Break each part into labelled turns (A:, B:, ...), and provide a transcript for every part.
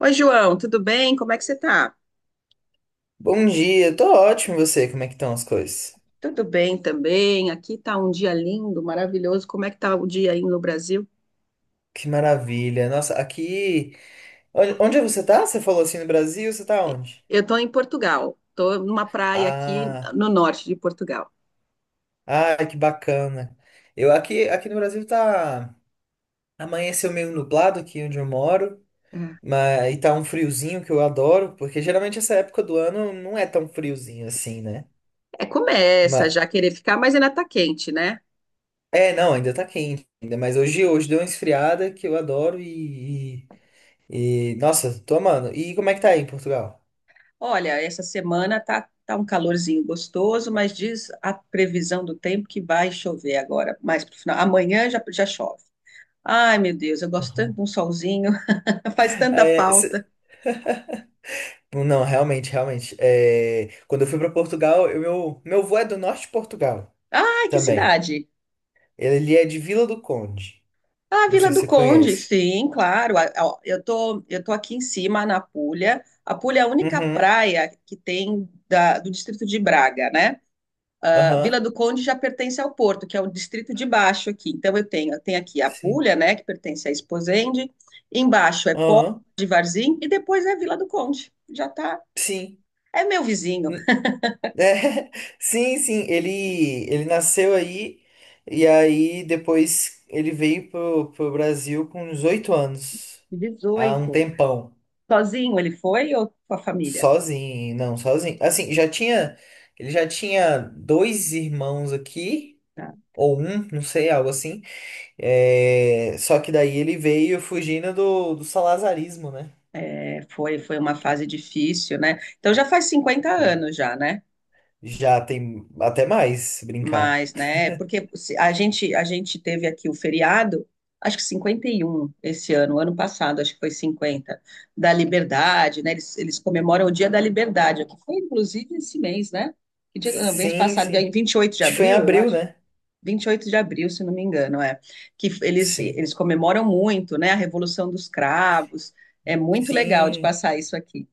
A: Oi, João, tudo bem? Como é que você tá?
B: Bom dia, tô ótimo, e você? Como é que estão as coisas?
A: Tudo bem também. Aqui tá um dia lindo, maravilhoso. Como é que tá o dia aí no Brasil?
B: Que maravilha. Nossa, aqui. Onde é você tá? Você falou assim no Brasil, você tá onde?
A: Eu tô em Portugal. Tô numa praia aqui
B: Ah,
A: no norte de Portugal.
B: ah, que bacana. Eu aqui no Brasil tá. Amanheceu meio nublado aqui onde eu moro,
A: É,
B: mas e tá um friozinho que eu adoro, porque geralmente essa época do ano não é tão friozinho assim, né?
A: Começa
B: Mas
A: já a querer ficar, mas ainda tá quente, né?
B: é, não, ainda tá quente ainda, mas hoje deu uma esfriada que eu adoro e nossa, tô amando. E como é que tá aí em Portugal?
A: Olha, essa semana tá um calorzinho gostoso, mas diz a previsão do tempo que vai chover agora, mais pro final. Amanhã já chove. Ai, meu Deus, eu gosto tanto
B: Aham.
A: de um solzinho, faz tanta
B: É.
A: falta.
B: Não, realmente, realmente. É, quando eu fui para Portugal, meu avô é do norte de Portugal
A: Ai, que
B: também.
A: cidade!
B: Ele é de Vila do Conde.
A: Ah,
B: Não
A: Vila
B: sei se
A: do
B: você
A: Conde,
B: conhece.
A: sim, claro. Eu tô aqui em cima, na Puglia. A Puglia é a única
B: Uhum.
A: praia que tem do distrito de Braga, né? A Vila
B: Aham.
A: do Conde já pertence ao Porto, que é o distrito de baixo aqui. Então eu tenho aqui a
B: Sim.
A: Puglia, né, que pertence a Esposende. Embaixo é Póvoa
B: Aham.
A: de Varzim e depois é a Vila do Conde. Já tá.
B: Sim.
A: É meu vizinho.
B: N- É, sim, sim. Ele nasceu aí e aí depois ele veio pro Brasil com uns 8 anos. Há um
A: 18.
B: tempão.
A: Sozinho ele foi ou com a família?
B: Sozinho, não, sozinho. Assim, já tinha. Ele já tinha dois irmãos aqui,
A: Ah,
B: ou um, não sei, algo assim. É, só que daí ele veio fugindo do salazarismo, né?
A: é, foi, foi uma fase difícil, né? Então já faz cinquenta
B: Sim.
A: anos já, né?
B: Já tem até mais, se brincar.
A: Mas, né, porque se- a gente teve aqui o feriado, acho que 51 esse ano, ano passado, acho que foi 50 da Liberdade, né? Eles comemoram o Dia da Liberdade, que foi inclusive esse mês, né? Que dia, não, mês
B: Sim,
A: passado, dia
B: sim.
A: 28 de
B: Acho que foi em
A: abril, eu
B: abril,
A: acho.
B: né?
A: 28 de abril, se não me engano, é.
B: Sim.
A: Eles comemoram muito, né? A Revolução dos Cravos. É muito legal de
B: Sim.
A: passar isso aqui.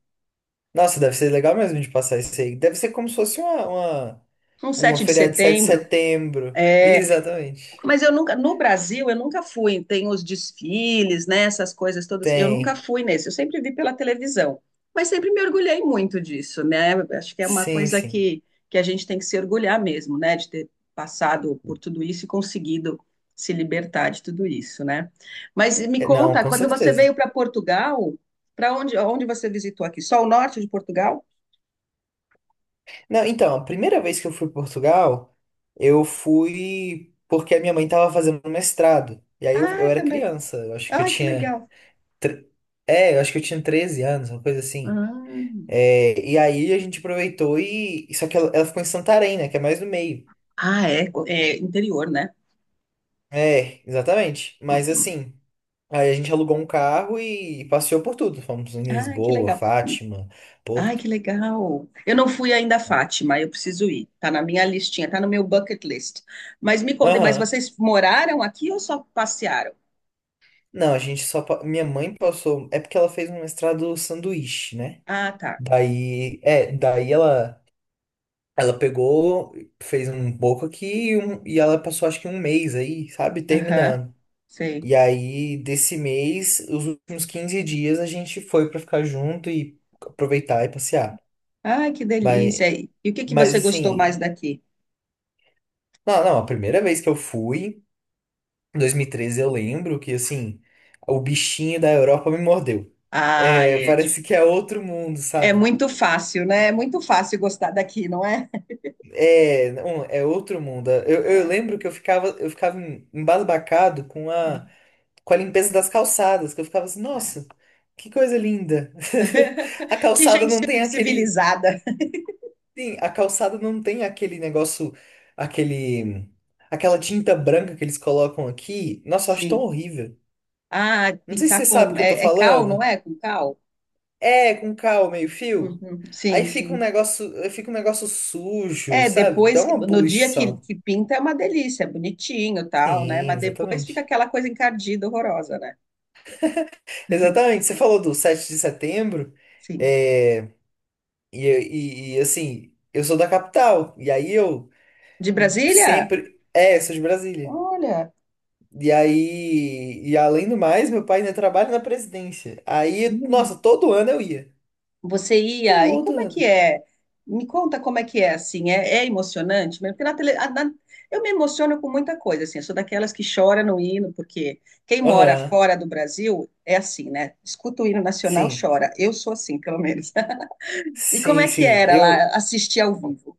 B: Nossa, deve ser legal mesmo de passar isso aí. Deve ser como se fosse
A: Um
B: uma
A: 7 de
B: feriado de sete de
A: setembro,
B: setembro.
A: é.
B: Exatamente.
A: Mas eu nunca, no Brasil, eu nunca fui. Tem os desfiles, né? Essas coisas todas. Eu nunca
B: Tem.
A: fui nesse. Eu sempre vi pela televisão. Mas sempre me orgulhei muito disso, né? Acho que é uma
B: Sim,
A: coisa
B: sim.
A: que a gente tem que se orgulhar mesmo, né? De ter passado por tudo isso e conseguido se libertar de tudo isso, né? Mas me
B: É, não,
A: conta,
B: com
A: quando você
B: certeza.
A: veio para Portugal, onde você visitou aqui? Só o norte de Portugal?
B: Não, então, a primeira vez que eu fui para Portugal, eu fui porque a minha mãe estava fazendo mestrado. E aí eu,
A: Ah,
B: eu
A: é
B: era
A: também.
B: criança, eu acho que eu
A: Ai, que
B: tinha.
A: legal.
B: tre- É, eu acho que eu tinha 13 anos, uma coisa assim.
A: Ah,
B: É, e aí a gente aproveitou e. Só que ela ficou em Santarém, né? Que é mais no meio.
A: Ah, é, é interior, né?
B: É, exatamente. Mas
A: Uhum.
B: assim, aí a gente alugou um carro e passeou por tudo. Fomos em
A: Ah, que
B: Lisboa,
A: legal.
B: Fátima,
A: Ai,
B: Porto.
A: que legal. Eu não fui ainda a Fátima, eu preciso ir. Tá na minha listinha, tá no meu bucket list. Mas me contem, mas
B: Aham.
A: vocês moraram aqui ou só passearam?
B: Não, a gente só. Minha mãe passou. É porque ela fez um mestrado sanduíche, né?
A: Ah, tá.
B: Daí. É, daí ela. Ela pegou, fez um pouco aqui e ela passou acho que um mês aí, sabe?
A: Aham,
B: Terminando.
A: sei.
B: E aí, desse mês, os últimos 15 dias a gente foi pra ficar junto e aproveitar e passear.
A: Ai, que delícia.
B: Mas,
A: E o que que
B: mas
A: você gostou mais
B: assim.
A: daqui?
B: Não, não, a primeira vez que eu fui, em 2013, eu lembro que assim. O bichinho da Europa me mordeu.
A: Ah,
B: É,
A: é,
B: parece
A: dif-
B: que é outro mundo,
A: é
B: sabe?
A: muito fácil, né? É muito fácil gostar daqui, não é?
B: É, não, é outro mundo. Eu
A: É.
B: lembro que eu ficava embasbacado com a,
A: Hum,
B: com a limpeza das calçadas, que eu ficava assim,
A: é.
B: nossa, que coisa linda. A
A: Que
B: calçada
A: gente
B: não tem aquele,
A: civilizada.
B: sim, a calçada não tem aquele negócio, aquele, aquela tinta branca que eles colocam aqui. Nossa, eu acho tão
A: Sim.
B: horrível.
A: Ah,
B: Não sei se
A: pintar
B: você sabe o
A: com.
B: que eu tô
A: É, é cal, não
B: falando.
A: é? Com cal?
B: É, com cal, meio fio.
A: Uhum.
B: Aí
A: Sim, sim.
B: fica um negócio sujo,
A: É,
B: sabe? Dá
A: depois,
B: uma
A: no dia
B: poluição.
A: que pinta é uma delícia, é bonitinho, tal, né?
B: Sim,
A: Mas depois fica
B: exatamente.
A: aquela coisa encardida, horrorosa, né?
B: Exatamente, você falou do 7 de setembro,
A: Sim.
B: é, assim, eu sou da capital, e aí eu
A: De Brasília?
B: sempre. É, sou de Brasília.
A: Olha,
B: E aí, e além do mais, meu pai ainda trabalha na presidência. Aí,
A: hum,
B: nossa, todo ano eu ia.
A: você ia, e
B: Todo
A: como é que
B: ano.
A: é? Me conta como é que é, assim, é, é emocionante mesmo? Porque na tele, eu me emociono com muita coisa, assim, eu sou daquelas que chora no hino, porque quem mora
B: Aham,
A: fora do Brasil é assim, né? Escuta o hino nacional,
B: sim,
A: chora. Eu sou assim, pelo menos. E como
B: sim,
A: é que
B: sim.
A: era lá
B: Eu
A: assistir ao vivo?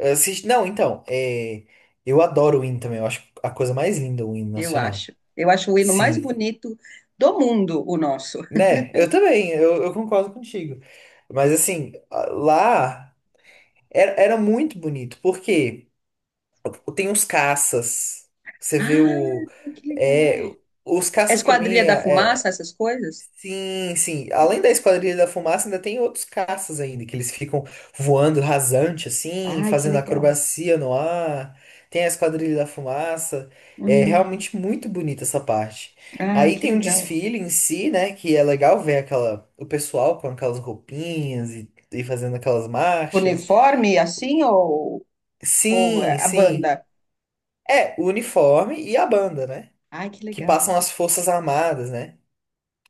B: assisti. Não, então, eu adoro o hino também, eu acho a coisa mais linda o hino
A: Eu
B: nacional.
A: acho. Eu acho o hino mais
B: Sim.
A: bonito do mundo, o nosso.
B: Né, eu também, eu concordo contigo. Mas assim, lá era muito bonito, porque tem os caças. Você vê o.
A: Ah, que
B: é,
A: legal.
B: os
A: É
B: caças, pra mim,
A: Esquadrilha da Fumaça, essas coisas?
B: Sim, sim. Além da Esquadrilha da Fumaça, ainda tem outros caças ainda, que eles ficam voando rasante, assim,
A: Ai, que
B: fazendo
A: legal.
B: acrobacia no ar. Tem a Esquadrilha da Fumaça. É
A: Hum,
B: realmente muito bonita essa parte.
A: Ah,
B: Aí
A: que
B: tem um
A: legal.
B: desfile em si, né? Que é legal ver aquela, o pessoal com aquelas roupinhas e fazendo aquelas marchas.
A: Uniforme assim ou
B: Sim,
A: a
B: sim.
A: banda?
B: É, o uniforme e a banda, né?
A: Ai, que
B: Que
A: legal.
B: passam as Forças Armadas, né?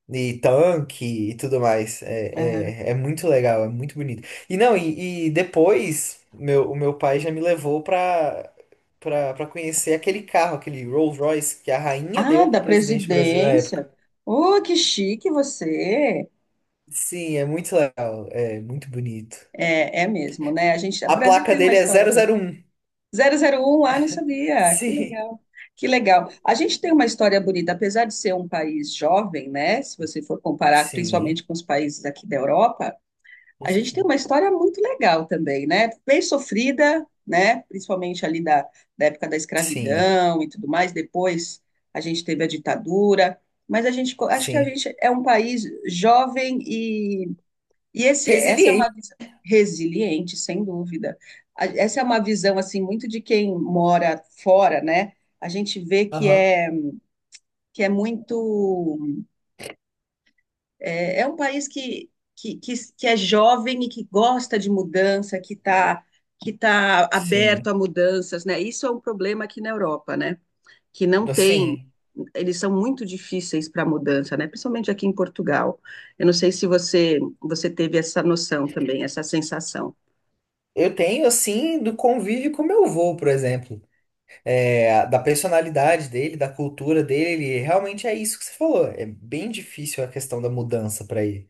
B: E tanque e tudo mais.
A: Ah,
B: É muito legal, é muito bonito. E não, e depois o meu pai já me levou pra conhecer aquele carro, aquele Rolls Royce que a rainha
A: ah,
B: deu pro
A: da
B: presidente do Brasil na época.
A: presidência. Oh, que chique você.
B: Sim, é muito legal, é muito bonito.
A: É, é mesmo, né? A gente, o
B: A
A: Brasil
B: placa
A: tem uma
B: dele é
A: história
B: 001.
A: 001, ah, não sabia. Que
B: Sim,
A: legal. Que legal. A gente tem uma história bonita, apesar de ser um país jovem, né? Se você for comparar
B: sim,
A: principalmente com os países aqui da Europa,
B: com
A: a gente tem
B: certeza.
A: uma história muito legal também, né? Bem sofrida, né? Principalmente ali da época da
B: Sim,
A: escravidão e tudo mais. Depois a gente teve a ditadura, mas acho que a
B: sim.
A: gente é um país jovem essa é uma
B: Resiliente.
A: visão resiliente, sem dúvida. Essa é uma visão assim muito de quem mora fora, né? A gente vê
B: Aham.
A: que é muito é, é um país que é jovem e que gosta de mudança, que está que tá aberto a
B: Sim.
A: mudanças, né? Isso é um problema aqui na Europa, né? Que não tem.
B: Assim,
A: Eles são muito difíceis para mudança, né? Principalmente aqui em Portugal. Eu não sei se você teve essa noção também, essa sensação.
B: eu tenho, assim, do convívio com meu avô, por exemplo. Da personalidade dele, da cultura dele, realmente é isso que você falou. É bem difícil a questão da mudança para ele.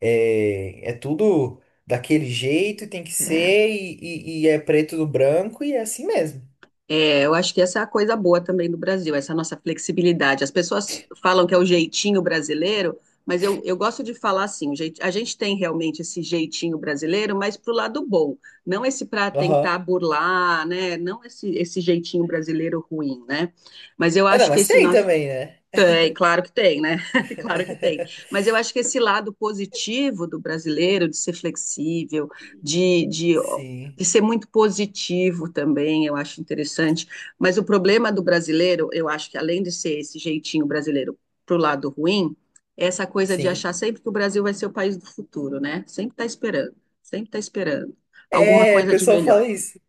B: É tudo daquele jeito, e tem que
A: É,
B: ser, e é preto no branco, e é assim mesmo.
A: é, eu acho que essa é a coisa boa também do Brasil, essa nossa flexibilidade. As pessoas falam que é o jeitinho brasileiro, mas eu gosto de falar assim: a gente tem realmente esse jeitinho brasileiro, mas pro lado bom, não esse para
B: Aham.
A: tentar burlar, né? Não esse, esse jeitinho brasileiro ruim, né? Mas eu
B: Ah, não,
A: acho que
B: mas
A: esse
B: tem
A: nosso
B: também, né?
A: tem, claro que tem, né? Claro que tem. Mas eu acho que esse lado positivo do brasileiro, de ser flexível, de, de,
B: Sim,
A: de ser muito positivo também, eu acho interessante. Mas o problema do brasileiro, eu acho que além de ser esse jeitinho brasileiro pro lado ruim, é essa coisa de
B: sim.
A: achar sempre que o Brasil vai ser o país do futuro, né? Sempre tá esperando alguma
B: É, o
A: coisa de
B: pessoal
A: melhor.
B: fala isso.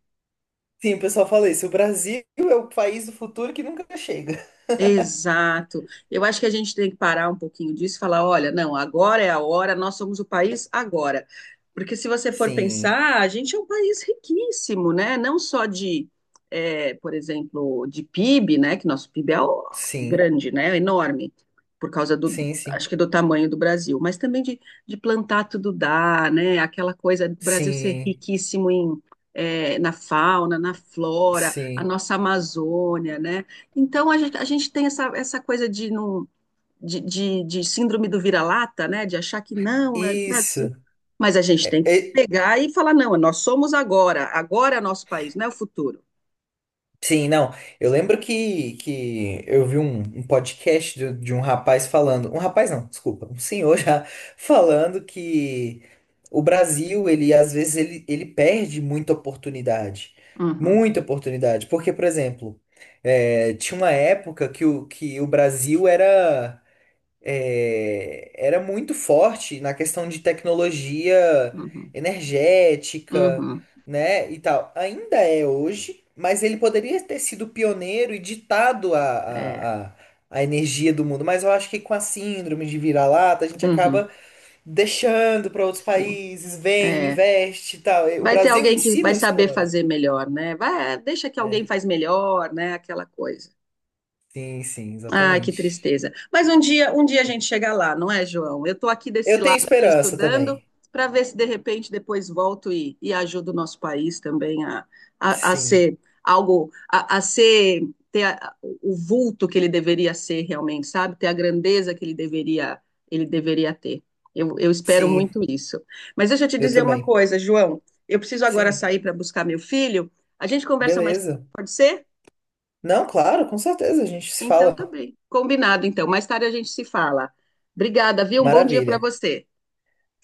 B: Sim, o pessoal fala isso. O Brasil é o país do futuro que nunca chega.
A: Exato. Eu acho que a gente tem que parar um pouquinho disso e falar, olha, não, agora é a hora, nós somos o país agora. Porque se você for
B: Sim,
A: pensar, a gente é um país riquíssimo, né? Não só de, eh, por exemplo, de PIB, né? Que nosso PIB é ó,
B: sim,
A: grande, né? É enorme, por causa do,
B: sim, sim,
A: acho que do tamanho do Brasil, mas também de plantar tudo dá, né? Aquela coisa do Brasil ser
B: sim,
A: riquíssimo em, eh, na fauna, na flora, a
B: sim.
A: nossa Amazônia, né? Então, a gente tem essa coisa de, não, de síndrome do vira-lata, né? De achar que não, é Brasil.
B: Isso.
A: Mas a gente tem que
B: É,
A: pegar e falar, não, nós somos agora, agora é nosso país, não é o futuro.
B: sim, não. Eu lembro que eu vi um podcast de um rapaz falando. Um rapaz não, desculpa, um senhor já falando que o Brasil, ele às vezes ele perde muita oportunidade.
A: Uhum,
B: Muita oportunidade. Porque, por exemplo, tinha uma época que o Brasil era muito forte na questão de tecnologia
A: uhum,
B: energética,
A: uhum,
B: né, e tal. Ainda é hoje, mas ele poderia ter sido pioneiro e ditado a,
A: é,
B: a, a, a energia do mundo. Mas eu acho que com a síndrome de vira-lata, a gente
A: uhum,
B: acaba deixando para outros
A: sim,
B: países, vem,
A: é.
B: investe e tal. O
A: Vai ter
B: Brasil em
A: alguém que
B: si
A: vai
B: não
A: saber
B: explora,
A: fazer melhor, né? Vai, deixa que alguém
B: né?
A: faz melhor, né? Aquela coisa.
B: Sim, sim,
A: Ai, que
B: exatamente.
A: tristeza. Mas um dia a gente chega lá, não é, João? Eu estou aqui desse
B: Eu tenho
A: lado aqui
B: esperança
A: estudando
B: também.
A: para ver se de repente depois volto e ajudo o nosso país também a
B: Sim,
A: ser algo, a ser ter o vulto que ele deveria ser realmente, sabe? Ter a grandeza que ele deveria ter. Eu espero
B: sim,
A: muito isso. Mas deixa eu te
B: eu
A: dizer uma
B: também.
A: coisa, João. Eu preciso agora
B: Sim.
A: sair para buscar meu filho. A gente conversa mais,
B: Beleza.
A: tarde, pode ser?
B: Não, claro, com certeza, a gente se
A: Então,
B: fala.
A: tá bem. Combinado, então. Mais tarde a gente se fala. Obrigada, viu? Um bom dia para
B: Maravilha.
A: você.